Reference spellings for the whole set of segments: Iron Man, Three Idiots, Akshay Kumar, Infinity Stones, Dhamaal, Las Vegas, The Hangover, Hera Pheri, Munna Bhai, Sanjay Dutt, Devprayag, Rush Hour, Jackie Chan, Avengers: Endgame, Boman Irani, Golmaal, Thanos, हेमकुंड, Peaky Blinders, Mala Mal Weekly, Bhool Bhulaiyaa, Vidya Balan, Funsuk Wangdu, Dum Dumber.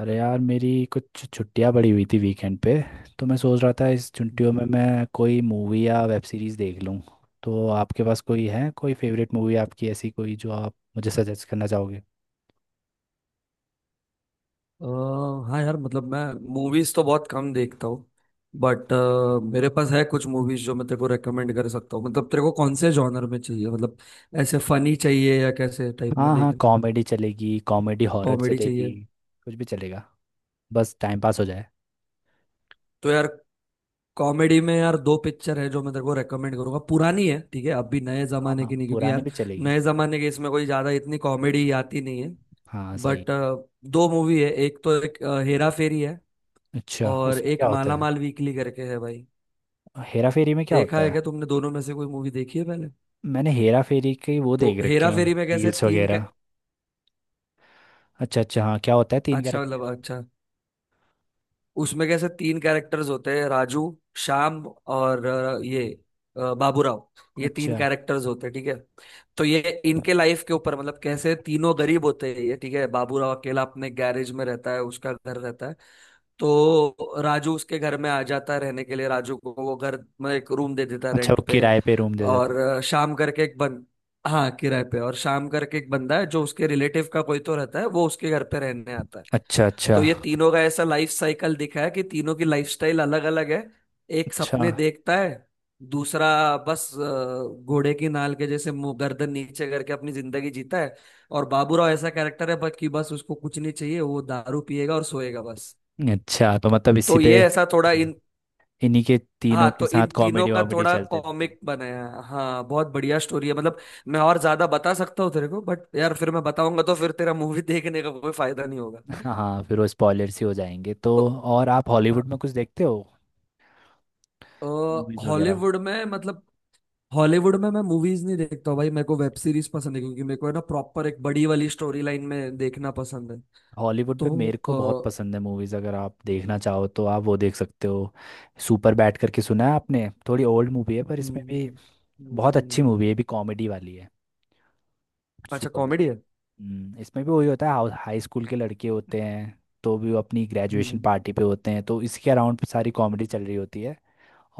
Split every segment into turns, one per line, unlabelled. अरे यार, मेरी कुछ छुट्टियां पड़ी हुई थी वीकेंड पे। तो मैं सोच रहा था इस छुट्टियों में मैं कोई मूवी या वेब सीरीज देख लूं। तो आपके पास कोई है, कोई फेवरेट मूवी आपकी ऐसी कोई जो आप मुझे सजेस्ट करना चाहोगे।
अ, हाँ यार, मतलब मैं मूवीज तो बहुत कम देखता हूँ। बट मेरे पास है कुछ मूवीज जो मैं तेरे को रेकमेंड कर सकता हूँ। मतलब तेरे को कौन से जॉनर में चाहिए, मतलब ऐसे फनी चाहिए या कैसे टाइप में
हाँ हाँ,
देखना है?
कॉमेडी चलेगी, कॉमेडी हॉरर
कॉमेडी
चलेगी।
चाहिए।
कुछ भी चलेगा, बस टाइम पास हो जाए।
तो यार, कॉमेडी में यार दो पिक्चर है जो मैं तेरे को रेकमेंड करूंगा। पुरानी है, ठीक है, अभी नए
हाँ
जमाने
हाँ,
की नहीं, क्योंकि
पुराने
यार
भी चलेगी।
नए जमाने के इसमें कोई ज्यादा इतनी कॉमेडी आती नहीं है।
हाँ
बट
सही।
दो मूवी है। एक तो एक हेरा फेरी है,
अच्छा,
और
उसमें
एक
क्या होता
माला
है।
माल वीकली करके है भाई।
हेरा फेरी में क्या
देखा
होता
है
है।
क्या तुमने, दोनों में से कोई मूवी देखी है पहले?
मैंने हेरा फेरी के वो
तो
देख रखे
हेरा
हैं,
फेरी में कैसे
रील्स
तीन कै
वगैरह। अच्छा अच्छा, हाँ क्या होता है, तीन
अच्छा,
कैरेक्टर।
मतलब अच्छा, उसमें कैसे तीन कैरेक्टर्स होते हैं: राजू, श्याम और ये बाबूराव। ये तीन
अच्छा
कैरेक्टर्स होते हैं, ठीक है। तो ये, इनके लाइफ के ऊपर, मतलब कैसे तीनों गरीब होते हैं ये, ठीक है। बाबूराव अकेला अपने गैरेज में रहता है, उसका घर रहता है। तो राजू उसके घर में आ जाता है रहने के लिए, राजू को वो घर में एक रूम दे देता है
अच्छा,
रेंट
वो
पे।
किराए पे रूम दे देते
और
हैं।
अ, शाम करके एक बन हाँ, किराए पे। और शाम करके एक बंदा है जो उसके रिलेटिव का कोई तो रहता है, वो उसके घर पे रहने आता है।
अच्छा अच्छा।
तो ये तीनों का ऐसा लाइफ साइकिल दिखा है कि तीनों की लाइफस्टाइल अलग अलग है। एक
अच्छा
सपने देखता है, दूसरा बस घोड़े की नाल के जैसे मुंह गर्दन नीचे करके अपनी जिंदगी जीता है। और बाबूराव ऐसा कैरेक्टर है, बस कि बस उसको कुछ नहीं चाहिए, वो दारू पिएगा और सोएगा बस।
अच्छा, तो मतलब इसी
तो
पे,
ये ऐसा थोड़ा इन
इन्हीं के तीनों
हाँ,
के
तो इन
साथ
तीनों
कॉमेडी
का
वॉमेडी
थोड़ा
चलते रहती
कॉमिक बनाया है। हाँ, बहुत बढ़िया स्टोरी है मतलब। मैं और ज्यादा बता सकता हूँ तेरे को, बट यार फिर मैं बताऊंगा तो फिर तेरा मूवी देखने का कोई फायदा नहीं होगा।
है। हाँ, फिर वो स्पॉयलर्स ही हो जाएंगे तो। और आप हॉलीवुड में कुछ देखते हो,
तो
मूवीज़ वगैरह।
हॉलीवुड में, मतलब हॉलीवुड में मैं मूवीज नहीं देखता हूँ भाई, मेरे को वेब सीरीज पसंद है, क्योंकि मेरे को है ना प्रॉपर एक बड़ी वाली स्टोरी लाइन में देखना पसंद है।
हॉलीवुड पे
तो
मेरे को बहुत
अ,
पसंद है मूवीज़, अगर आप देखना चाहो तो आप वो देख सकते हो। सुपर बैड करके सुना है आपने? थोड़ी ओल्ड मूवी है पर इसमें
हम्म।
भी बहुत अच्छी
हम्म।
मूवी है ये, भी कॉमेडी वाली है।
अच्छा,
सुपर,
कॉमेडी है।
इसमें भी वही होता है, हाई स्कूल के लड़के होते हैं, तो भी वो अपनी ग्रेजुएशन
हम्म।
पार्टी पे होते हैं तो इसके अराउंड सारी कॉमेडी चल रही होती है।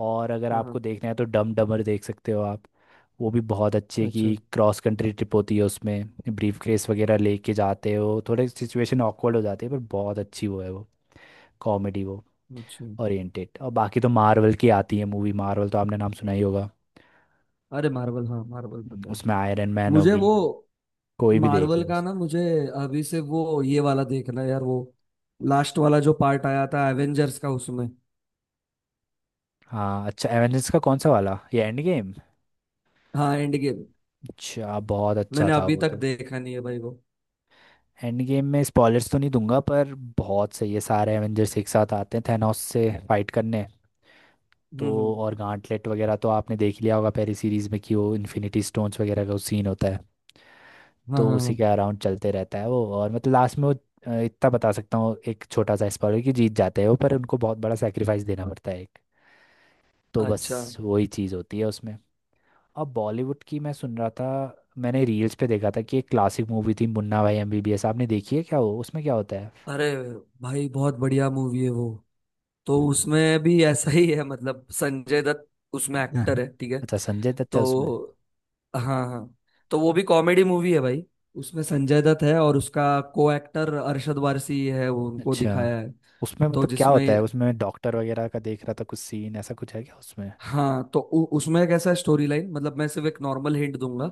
और अगर
हाँ
आपको
हाँ।
देखना है तो डम डमर देख सकते हो आप। वो भी बहुत अच्छे
अच्छा,
की, क्रॉस कंट्री ट्रिप होती है उसमें। ब्रीफ केस वगैरह लेके जाते हो, थोड़े सिचुएशन ऑकवर्ड हो जाती है, पर बहुत अच्छी वो है वो, कॉमेडी वो
अच्छा।
ओरिएंटेड। और बाकी तो मार्वल की आती है मूवी, मार्वल तो आपने नाम सुना ही होगा।
अरे मार्वल, हाँ मार्वल पता है।
उसमें आयरन मैन
मुझे
होगी,
वो
कोई भी देख
मार्वल
लो
का ना, मुझे अभी से वो ये वाला देखना है यार, वो लास्ट वाला जो पार्ट आया था एवेंजर्स का उसमें।
हाँ अच्छा, एवेंजर्स का कौन सा वाला, ये एंड?
हाँ, एंड गेम।
अच्छा, बहुत अच्छा
मैंने
था
अभी
वो
तक
तो।
देखा नहीं है भाई वो।
एंड गेम में स्पॉयलर्स तो नहीं दूंगा, पर बहुत सही है, सारे एवेंजर्स एक साथ आते हैं थैनोस से फाइट करने। तो
हम्म।
और गांटलेट वगैरह तो आपने देख लिया होगा पहली सीरीज में, कि वो इन्फिनिटी स्टोन्स वगैरह का सीन होता है।
हाँ
तो
हाँ
उसी
हाँ।
के अराउंड चलते रहता है वो, और मतलब लास्ट में वो इतना बता सकता हूँ, एक छोटा सा स्पॉइलर, कि जीत जाते हैं वो पर उनको बहुत बड़ा सेक्रीफाइस देना पड़ता है एक। तो
अच्छा।
बस वही चीज़ होती है उसमें। अब बॉलीवुड की मैं सुन रहा था, मैंने रील्स पे देखा था कि एक क्लासिक मूवी थी, मुन्ना भाई एमबीबीएस। आपने देखी है क्या वो? उसमें क्या होता है?
अरे भाई, बहुत बढ़िया मूवी है वो। तो उसमें भी ऐसा ही है, मतलब संजय दत्त उसमें एक्टर
हाँ।
है, ठीक है।
अच्छा, संजय दत्त है उसमें।
तो हाँ हाँ। तो वो भी कॉमेडी मूवी है भाई, उसमें संजय दत्त है और उसका को एक्टर अरशद वारसी है, वो उनको
अच्छा,
दिखाया है।
उसमें
तो
मतलब क्या
जिसमें
होता है, उसमें डॉक्टर वगैरह का देख रहा था कुछ सीन, ऐसा कुछ है क्या उसमें?
हाँ, तो उसमें कैसा स्टोरी लाइन, मतलब मैं सिर्फ एक नॉर्मल हिंट दूंगा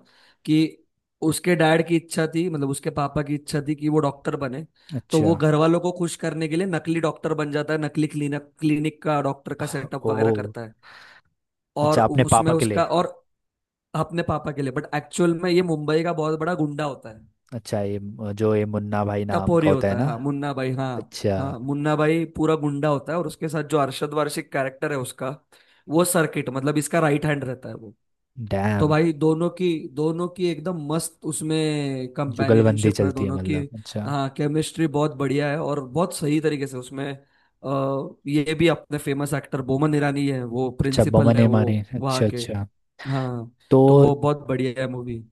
कि उसके डैड की इच्छा थी, मतलब उसके पापा की इच्छा थी कि वो डॉक्टर बने। तो वो
अच्छा।
घर वालों को खुश करने के लिए नकली डॉक्टर बन जाता है, नकली क्लिनिक क्लिनिक का डॉक्टर का सेटअप
ओ
वगैरह करता है। और
अच्छा, अपने
उसमें
पापा के लिए।
उसका और अपने पापा के लिए, बट एक्चुअल में ये मुंबई का बहुत बड़ा गुंडा होता है।
अच्छा, ये जो ये मुन्ना भाई नाम
टपोरी
का होता है
होता है,
ना।
हाँ मुन्ना भाई, हाँ।
अच्छा।
हाँ, मुन्ना भाई पूरा गुंडा होता है, और उसके साथ जो अरशद वारशिक कैरेक्टर है उसका, वो सर्किट, मतलब इसका राइट हैंड रहता है वो। तो
डैम।
भाई, दोनों की एकदम मस्त उसमें
जुगलबंदी
कंपेनियनशिप है
चलती है
दोनों की।
मतलब, अच्छा।
हाँ, केमिस्ट्री बहुत बढ़िया है, और बहुत सही तरीके से उसमें ये भी अपने फेमस एक्टर बोमन ईरानी है, वो
अच्छा,
प्रिंसिपल
बमन
है
ए
वो
मारी,
वहाँ
अच्छा
के।
अच्छा।
हाँ, तो
तो
वो बहुत बढ़िया है मूवी।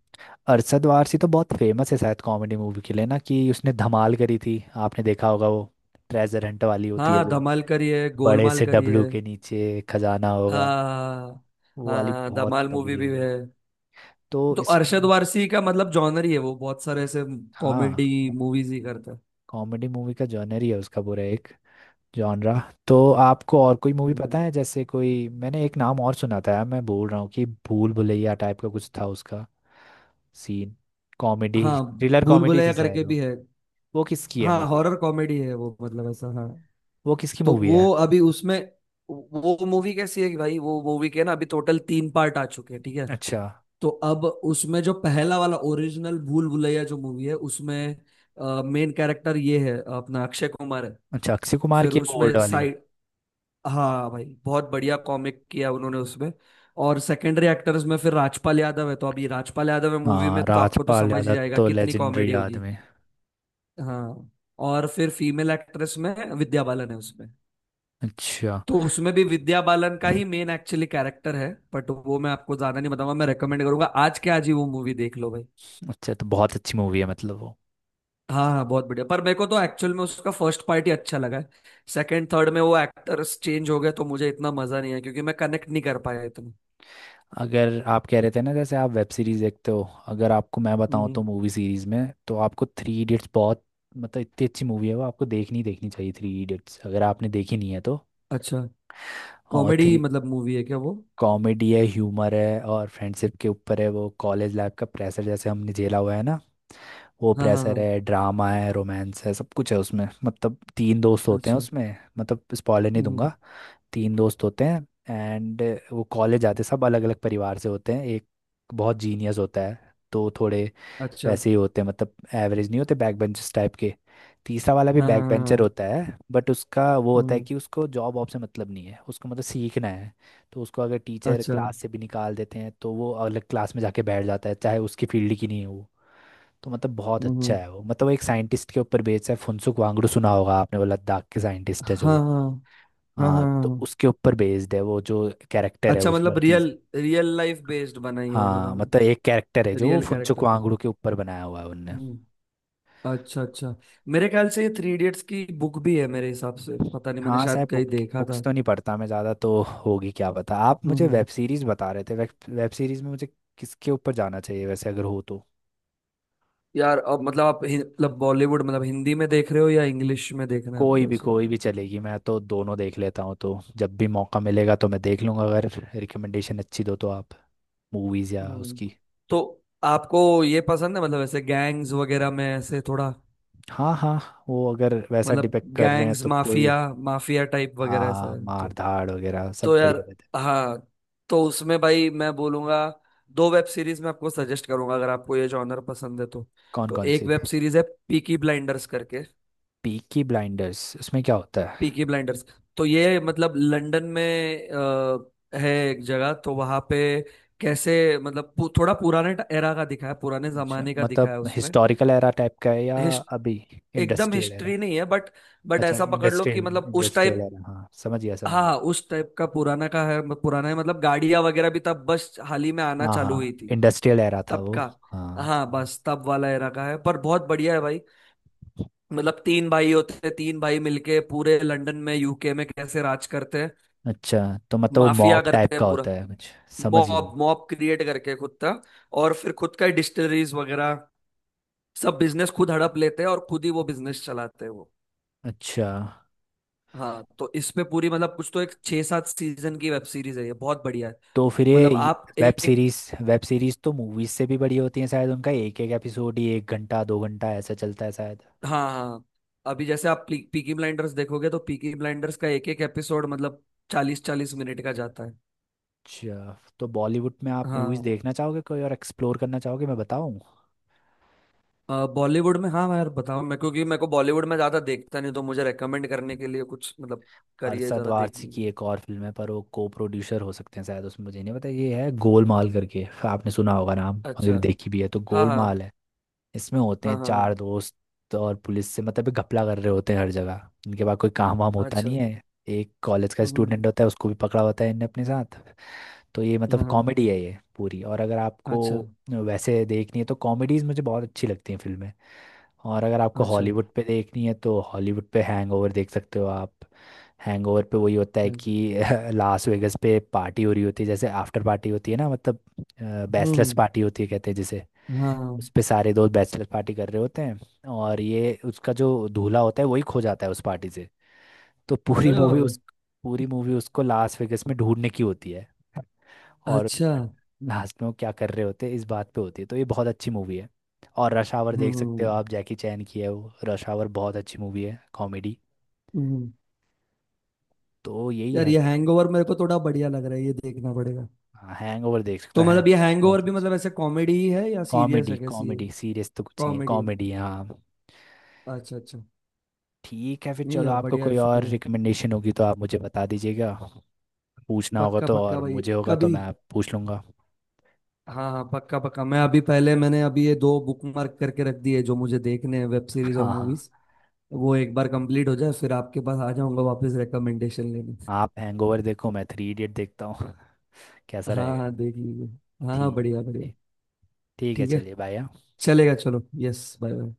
अरशद वारसी तो बहुत फेमस है शायद कॉमेडी मूवी के लिए ना, कि उसने धमाल करी थी, आपने देखा होगा वो, ट्रेजर हंट वाली होती है
हाँ,
जो।
धमाल करी है,
बड़े
गोलमाल
से
करी है।
डब्लू के नीचे खजाना होगा,
हाँ
वो वाली
हाँ,
बहुत
धमाल मूवी
तगड़ी
भी
होगी।
है।
तो
तो अरशद
इसमें
वारसी का मतलब जॉनर ही है वो, बहुत सारे ऐसे
हाँ,
कॉमेडी मूवीज ही करता है।
कॉमेडी मूवी का जॉनर ही है उसका पूरा, एक जॉनरा। तो आपको और कोई मूवी
हम्म।
पता है? जैसे कोई मैंने एक नाम और सुना था, यार मैं बोल रहा हूँ कि भूल भुलैया टाइप का कुछ था उसका सीन। कॉमेडी
हाँ,
थ्रिलर
भूल
कॉमेडी
भुलैया
थी
करके
शायद वो।
भी है।
वो किसकी है
हाँ,
मूवी?
हॉरर कॉमेडी है वो मतलब, ऐसा हाँ।
वो किसकी
तो
मूवी है?
वो अभी उसमें, वो मूवी कैसी है कि भाई, वो मूवी के ना अभी टोटल तीन पार्ट आ चुके हैं, ठीक है।
अच्छा
तो अब उसमें जो पहला वाला ओरिजिनल भूल भुलैया जो मूवी है उसमें, मेन कैरेक्टर ये है, अपना अक्षय कुमार है।
अच्छा, अक्षय कुमार
फिर
की है वो ओल्ड
उसमें
वाली।
साइड हाँ भाई, बहुत बढ़िया कॉमिक किया उन्होंने उसमें। और सेकेंडरी एक्टर्स में फिर राजपाल यादव है, तो अभी राजपाल यादव है मूवी
हाँ,
में तो आपको तो
राजपाल
समझ ही
यादव
जाएगा
तो
कितनी
लेजेंडरी
कॉमेडी होगी।
आदमी।
हाँ। और फिर फीमेल एक्ट्रेस में विद्या बालन है उसमें,
अच्छा।
तो उसमें भी विद्या बालन का ही मेन एक्चुअली कैरेक्टर है। बट वो मैं आपको ज्यादा नहीं बताऊंगा, मैं रेकमेंड करूंगा आज के आज ही वो मूवी देख लो भाई।
अच्छा, तो बहुत अच्छी मूवी है मतलब वो।
हाँ हाँ, बहुत बढ़िया, पर मेरे को तो एक्चुअल में उसका फर्स्ट पार्ट ही अच्छा लगा है। सेकंड थर्ड में वो एक्टर्स चेंज हो गए तो मुझे इतना मजा नहीं आया क्योंकि मैं कनेक्ट नहीं कर पाया इतना।
अगर आप कह रहे थे ना जैसे आप वेब सीरीज देखते हो, अगर आपको मैं बताऊं
हम्म।
तो मूवी सीरीज में, तो आपको थ्री इडियट्स बहुत, मतलब इतनी अच्छी मूवी है वो, आपको देखनी ही देखनी चाहिए थ्री इडियट्स, अगर आपने देखी नहीं है तो।
अच्छा,
और
कॉमेडी
थ्री,
मतलब मूवी है क्या वो?
कॉमेडी है, ह्यूमर है और फ्रेंडशिप के ऊपर है वो, कॉलेज लाइफ का प्रेशर जैसे हमने झेला हुआ है ना, वो
हाँ हाँ
प्रेशर
हाँ।
है, ड्रामा है, रोमांस है, सब कुछ है उसमें। मतलब तीन दोस्त होते हैं
अच्छा,
उसमें, मतलब स्पॉइलर नहीं
हम्म।
दूंगा। तीन दोस्त होते हैं, एंड वो कॉलेज आते, सब अलग अलग परिवार से होते हैं। एक बहुत जीनियस होता है, तो थोड़े
अच्छा,
वैसे ही होते हैं, मतलब एवरेज नहीं होते, बैक बेंचर्स टाइप के। तीसरा वाला भी
हाँ
बैक
हाँ हाँ
बेंचर
हाँ,
होता है, बट उसका वो होता है
हम्म।
कि उसको जॉब वॉब से मतलब नहीं है, उसको मतलब सीखना है। तो उसको अगर टीचर
अच्छा,
क्लास से भी निकाल देते हैं तो वो अलग क्लास में जाके बैठ जाता है, चाहे उसकी फील्ड की नहीं हो। तो मतलब बहुत अच्छा
हम्म।
है वो, मतलब वो एक साइंटिस्ट के ऊपर बेस्ड है, फुनसुक वांगडू, सुना होगा आपने, वो लद्दाख के साइंटिस्ट
हाँ
है जो वो।
हाँ हाँ हाँ
हाँ, तो
हाँ।
उसके ऊपर बेस्ड है वो जो कैरेक्टर है,
अच्छा,
उस
मतलब
व्यक्ति
रियल,
से।
लाइफ बेस्ड बनाई है
हाँ मतलब
उन्होंने।
एक कैरेक्टर है जो वो
रियल
फुनसुक
कैरेक्टर पे।
वांगडू के ऊपर बनाया हुआ है उनने।
हम्म। अच्छा, अच्छा। मेरे ख्याल से ये थ्री इडियट्स की बुक भी है मेरे हिसाब से, पता नहीं मैंने
हाँ
शायद
साहब,
कहीं
बुक
देखा
बुक्स
था।
तो नहीं पढ़ता मैं ज़्यादा, तो होगी क्या पता। आप
हम्म
मुझे वेब
हम्म।
सीरीज़ बता रहे थे, वेब सीरीज़ में मुझे किसके ऊपर जाना चाहिए वैसे, अगर हो तो।
यार अब मतलब आप मतलब बॉलीवुड, मतलब हिंदी में देख रहे हो या इंग्लिश में देख रहे हैं आपको ऐसे?
कोई भी चलेगी, मैं तो दोनों देख लेता हूँ, तो जब भी मौका मिलेगा तो मैं देख लूँगा, अगर रिकमेंडेशन अच्छी दो तो आप, मूवीज या
हम्म।
उसकी।
तो आपको ये पसंद है, मतलब ऐसे गैंग्स वगैरह में ऐसे थोड़ा,
हाँ हाँ, वो अगर वैसा
मतलब
डिपेक्ट कर रहे हैं
गैंग्स
तो कोई,
माफिया, माफिया टाइप
हाँ
वगैरह ऐसा
हाँ,
है
मार
तो।
धाड़ वगैरह सब
तो
बढ़िया
यार,
रहते हैं।
हाँ, तो उसमें भाई मैं बोलूंगा, दो वेब सीरीज मैं आपको सजेस्ट करूंगा अगर आपको ये जॉनर पसंद है तो।
कौन
तो
कौन
एक
सी?
वेब सीरीज है पीकी ब्लाइंडर्स करके।
पीकी ब्लाइंडर्स, उसमें क्या होता है?
पीकी ब्लाइंडर्स, तो ये मतलब लंदन में है एक जगह, तो वहां पे कैसे, मतलब थोड़ा पुराने एरा का दिखा है, पुराने
अच्छा,
जमाने का दिखा
मतलब
है उसमें।
हिस्टोरिकल एरा टाइप का है या
हिस्ट
अभी?
एकदम
इंडस्ट्रियल एरा?
हिस्ट्री नहीं है बट
अच्छा
ऐसा पकड़ लो
इंडस्ट्रियल,
कि मतलब उस
इंडस्ट्रियल
टाइप।
एरा, हाँ समझ गया समझ गया।
हाँ, उस टाइप का पुराना का है पुराना है, मतलब गाड़ियां वगैरह भी तब बस हाल ही में आना
हाँ
चालू
हाँ,
हुई थी।
इंडस्ट्रियल एरा था
तब
वो।
का।
हाँ।
हाँ बस, तब वाला एरा का है पर बहुत बढ़िया है भाई। मतलब तीन भाई होते हैं, तीन भाई मिलके पूरे लंदन में, यूके में कैसे राज करते हैं,
अच्छा, तो मतलब वो
माफिया
मॉब टाइप
करते
का
हैं पूरा।
होता है कुछ। समझ गया।
मॉब मॉब क्रिएट करके खुद का, और फिर खुद का डिस्टलरीज वगैरह, सब बिजनेस खुद हड़प लेते हैं और खुद ही वो बिजनेस चलाते हैं वो।
अच्छा।
हाँ, तो इस पे पूरी मतलब कुछ तो एक छह सात सीजन की वेब सीरीज है ये, बहुत बढ़िया है।
तो फिर ये
मतलब आप
वेब
एक,
सीरीज, वेब सीरीज तो मूवीज से भी बड़ी होती है शायद, उनका एक एक एपिसोड ही एक घंटा दो घंटा ऐसा चलता है शायद।
हाँ हाँ। अभी जैसे आप पीकी ब्लाइंडर्स देखोगे तो पीकी ब्लाइंडर्स का एक एक एपिसोड मतलब 40-40 मिनट का जाता है।
अच्छा, तो बॉलीवुड में आप मूवीज
हाँ,
देखना चाहोगे कोई और एक्सप्लोर करना चाहोगे, मैं बताऊं?
बॉलीवुड में, हाँ यार बताओ मैं, क्योंकि मेरे को बॉलीवुड में ज्यादा देखता नहीं, तो मुझे रेकमेंड करने के लिए कुछ मतलब करिए
अरशद
जरा
वारसी
देखने के
की
लिए।
एक और फिल्म है, पर वो को प्रोड्यूसर हो सकते हैं शायद उसमें मुझे नहीं पता, ये है गोलमाल करके, आपने सुना होगा नाम,
अच्छा।
अगर देखी भी है तो,
हाँ हाँ
गोलमाल है। इसमें होते
हाँ
हैं
हाँ
चार दोस्त, और पुलिस से मतलब ये घपला कर रहे होते हैं हर जगह, इनके पास कोई काम वाम
हाँ।
होता
अच्छा,
नहीं
हम्म।
है। एक कॉलेज का
हम्म।
स्टूडेंट होता है, उसको भी पकड़ा होता है इनने अपने साथ। तो ये
हम्म।
मतलब
हाँ हाँ।
कॉमेडी है ये पूरी। और अगर आपको
अच्छा,
वैसे देखनी है तो कॉमेडीज़ मुझे बहुत अच्छी लगती हैं फिल्में। और अगर आपको
अच्छा।
हॉलीवुड पे देखनी है तो हॉलीवुड पे हैंगओवर देख सकते हो आप। हैंगओवर पे वही होता है
हम्म।
कि लास वेगस पे पार्टी हो रही होती है, जैसे आफ्टर पार्टी होती है ना मतलब, बैचलर्स
हम्म,
पार्टी होती है कहते हैं जिसे।
हाँ हाँ।
उस पे सारे दोस्त बैचलर पार्टी कर रहे होते हैं, और ये उसका जो दूल्हा होता है वही खो जाता है उस पार्टी से। तो पूरी
अरे बाप
मूवी
रे।
उस, पूरी मूवी उसको लास वेगस में ढूंढने की होती है। और
अच्छा, हम्म।
लास्ट में वो क्या कर रहे होते हैं इस बात पे होती है, तो ये बहुत अच्छी मूवी है। और रश आवर देख सकते हो
हम्म।
आप, जैकी चैन की है वो रश आवर, बहुत अच्छी मूवी है कॉमेडी।
हम्म।
तो यही
यार
है
ये
फिर।
हैंगओवर मेरे को थोड़ा बढ़िया लग रहा है, ये देखना पड़ेगा।
हाँ, हैंगओवर देख सकते
तो
हो, हैंग,
मतलब ये हैंगओवर
बहुत
भी
अच्छी
मतलब ऐसे कॉमेडी ही है या सीरियस
कॉमेडी,
है, कैसी है?
कॉमेडी। सीरियस तो कुछ नहीं है,
कॉमेडी।
कॉमेडी हाँ।
अच्छा, अच्छा।
ठीक है फिर,
नहीं
चलो
यार,
आपको
बढ़िया है
कोई और
फिर।
रिकमेंडेशन होगी तो आप मुझे बता दीजिएगा। पूछना होगा
पक्का
तो,
पक्का
और
भाई,
मुझे होगा तो
कभी।
मैं आप पूछ लूँगा।
हाँ हाँ, पक्का पक्का, मैं अभी पहले मैंने अभी ये दो बुक मार्क करके रख दिए जो मुझे देखने हैं, वेब सीरीज और
हाँ हाँ।
मूवीज। वो एक बार कंप्लीट हो जाए, फिर आपके पास आ जाऊंगा वापस रिकमेंडेशन लेने।
आप हैंगओवर देखो, मैं थ्री इडियट देखता हूँ। कैसा
हाँ
रहेगा?
हाँ, देख लीजिए। हाँ हाँ,
ठीक,
बढ़िया बढ़िया।
ठीक, ठीक है,
ठीक है,
चलिए बाय। हाँ।
चलेगा, चलो यस, बाय बाय।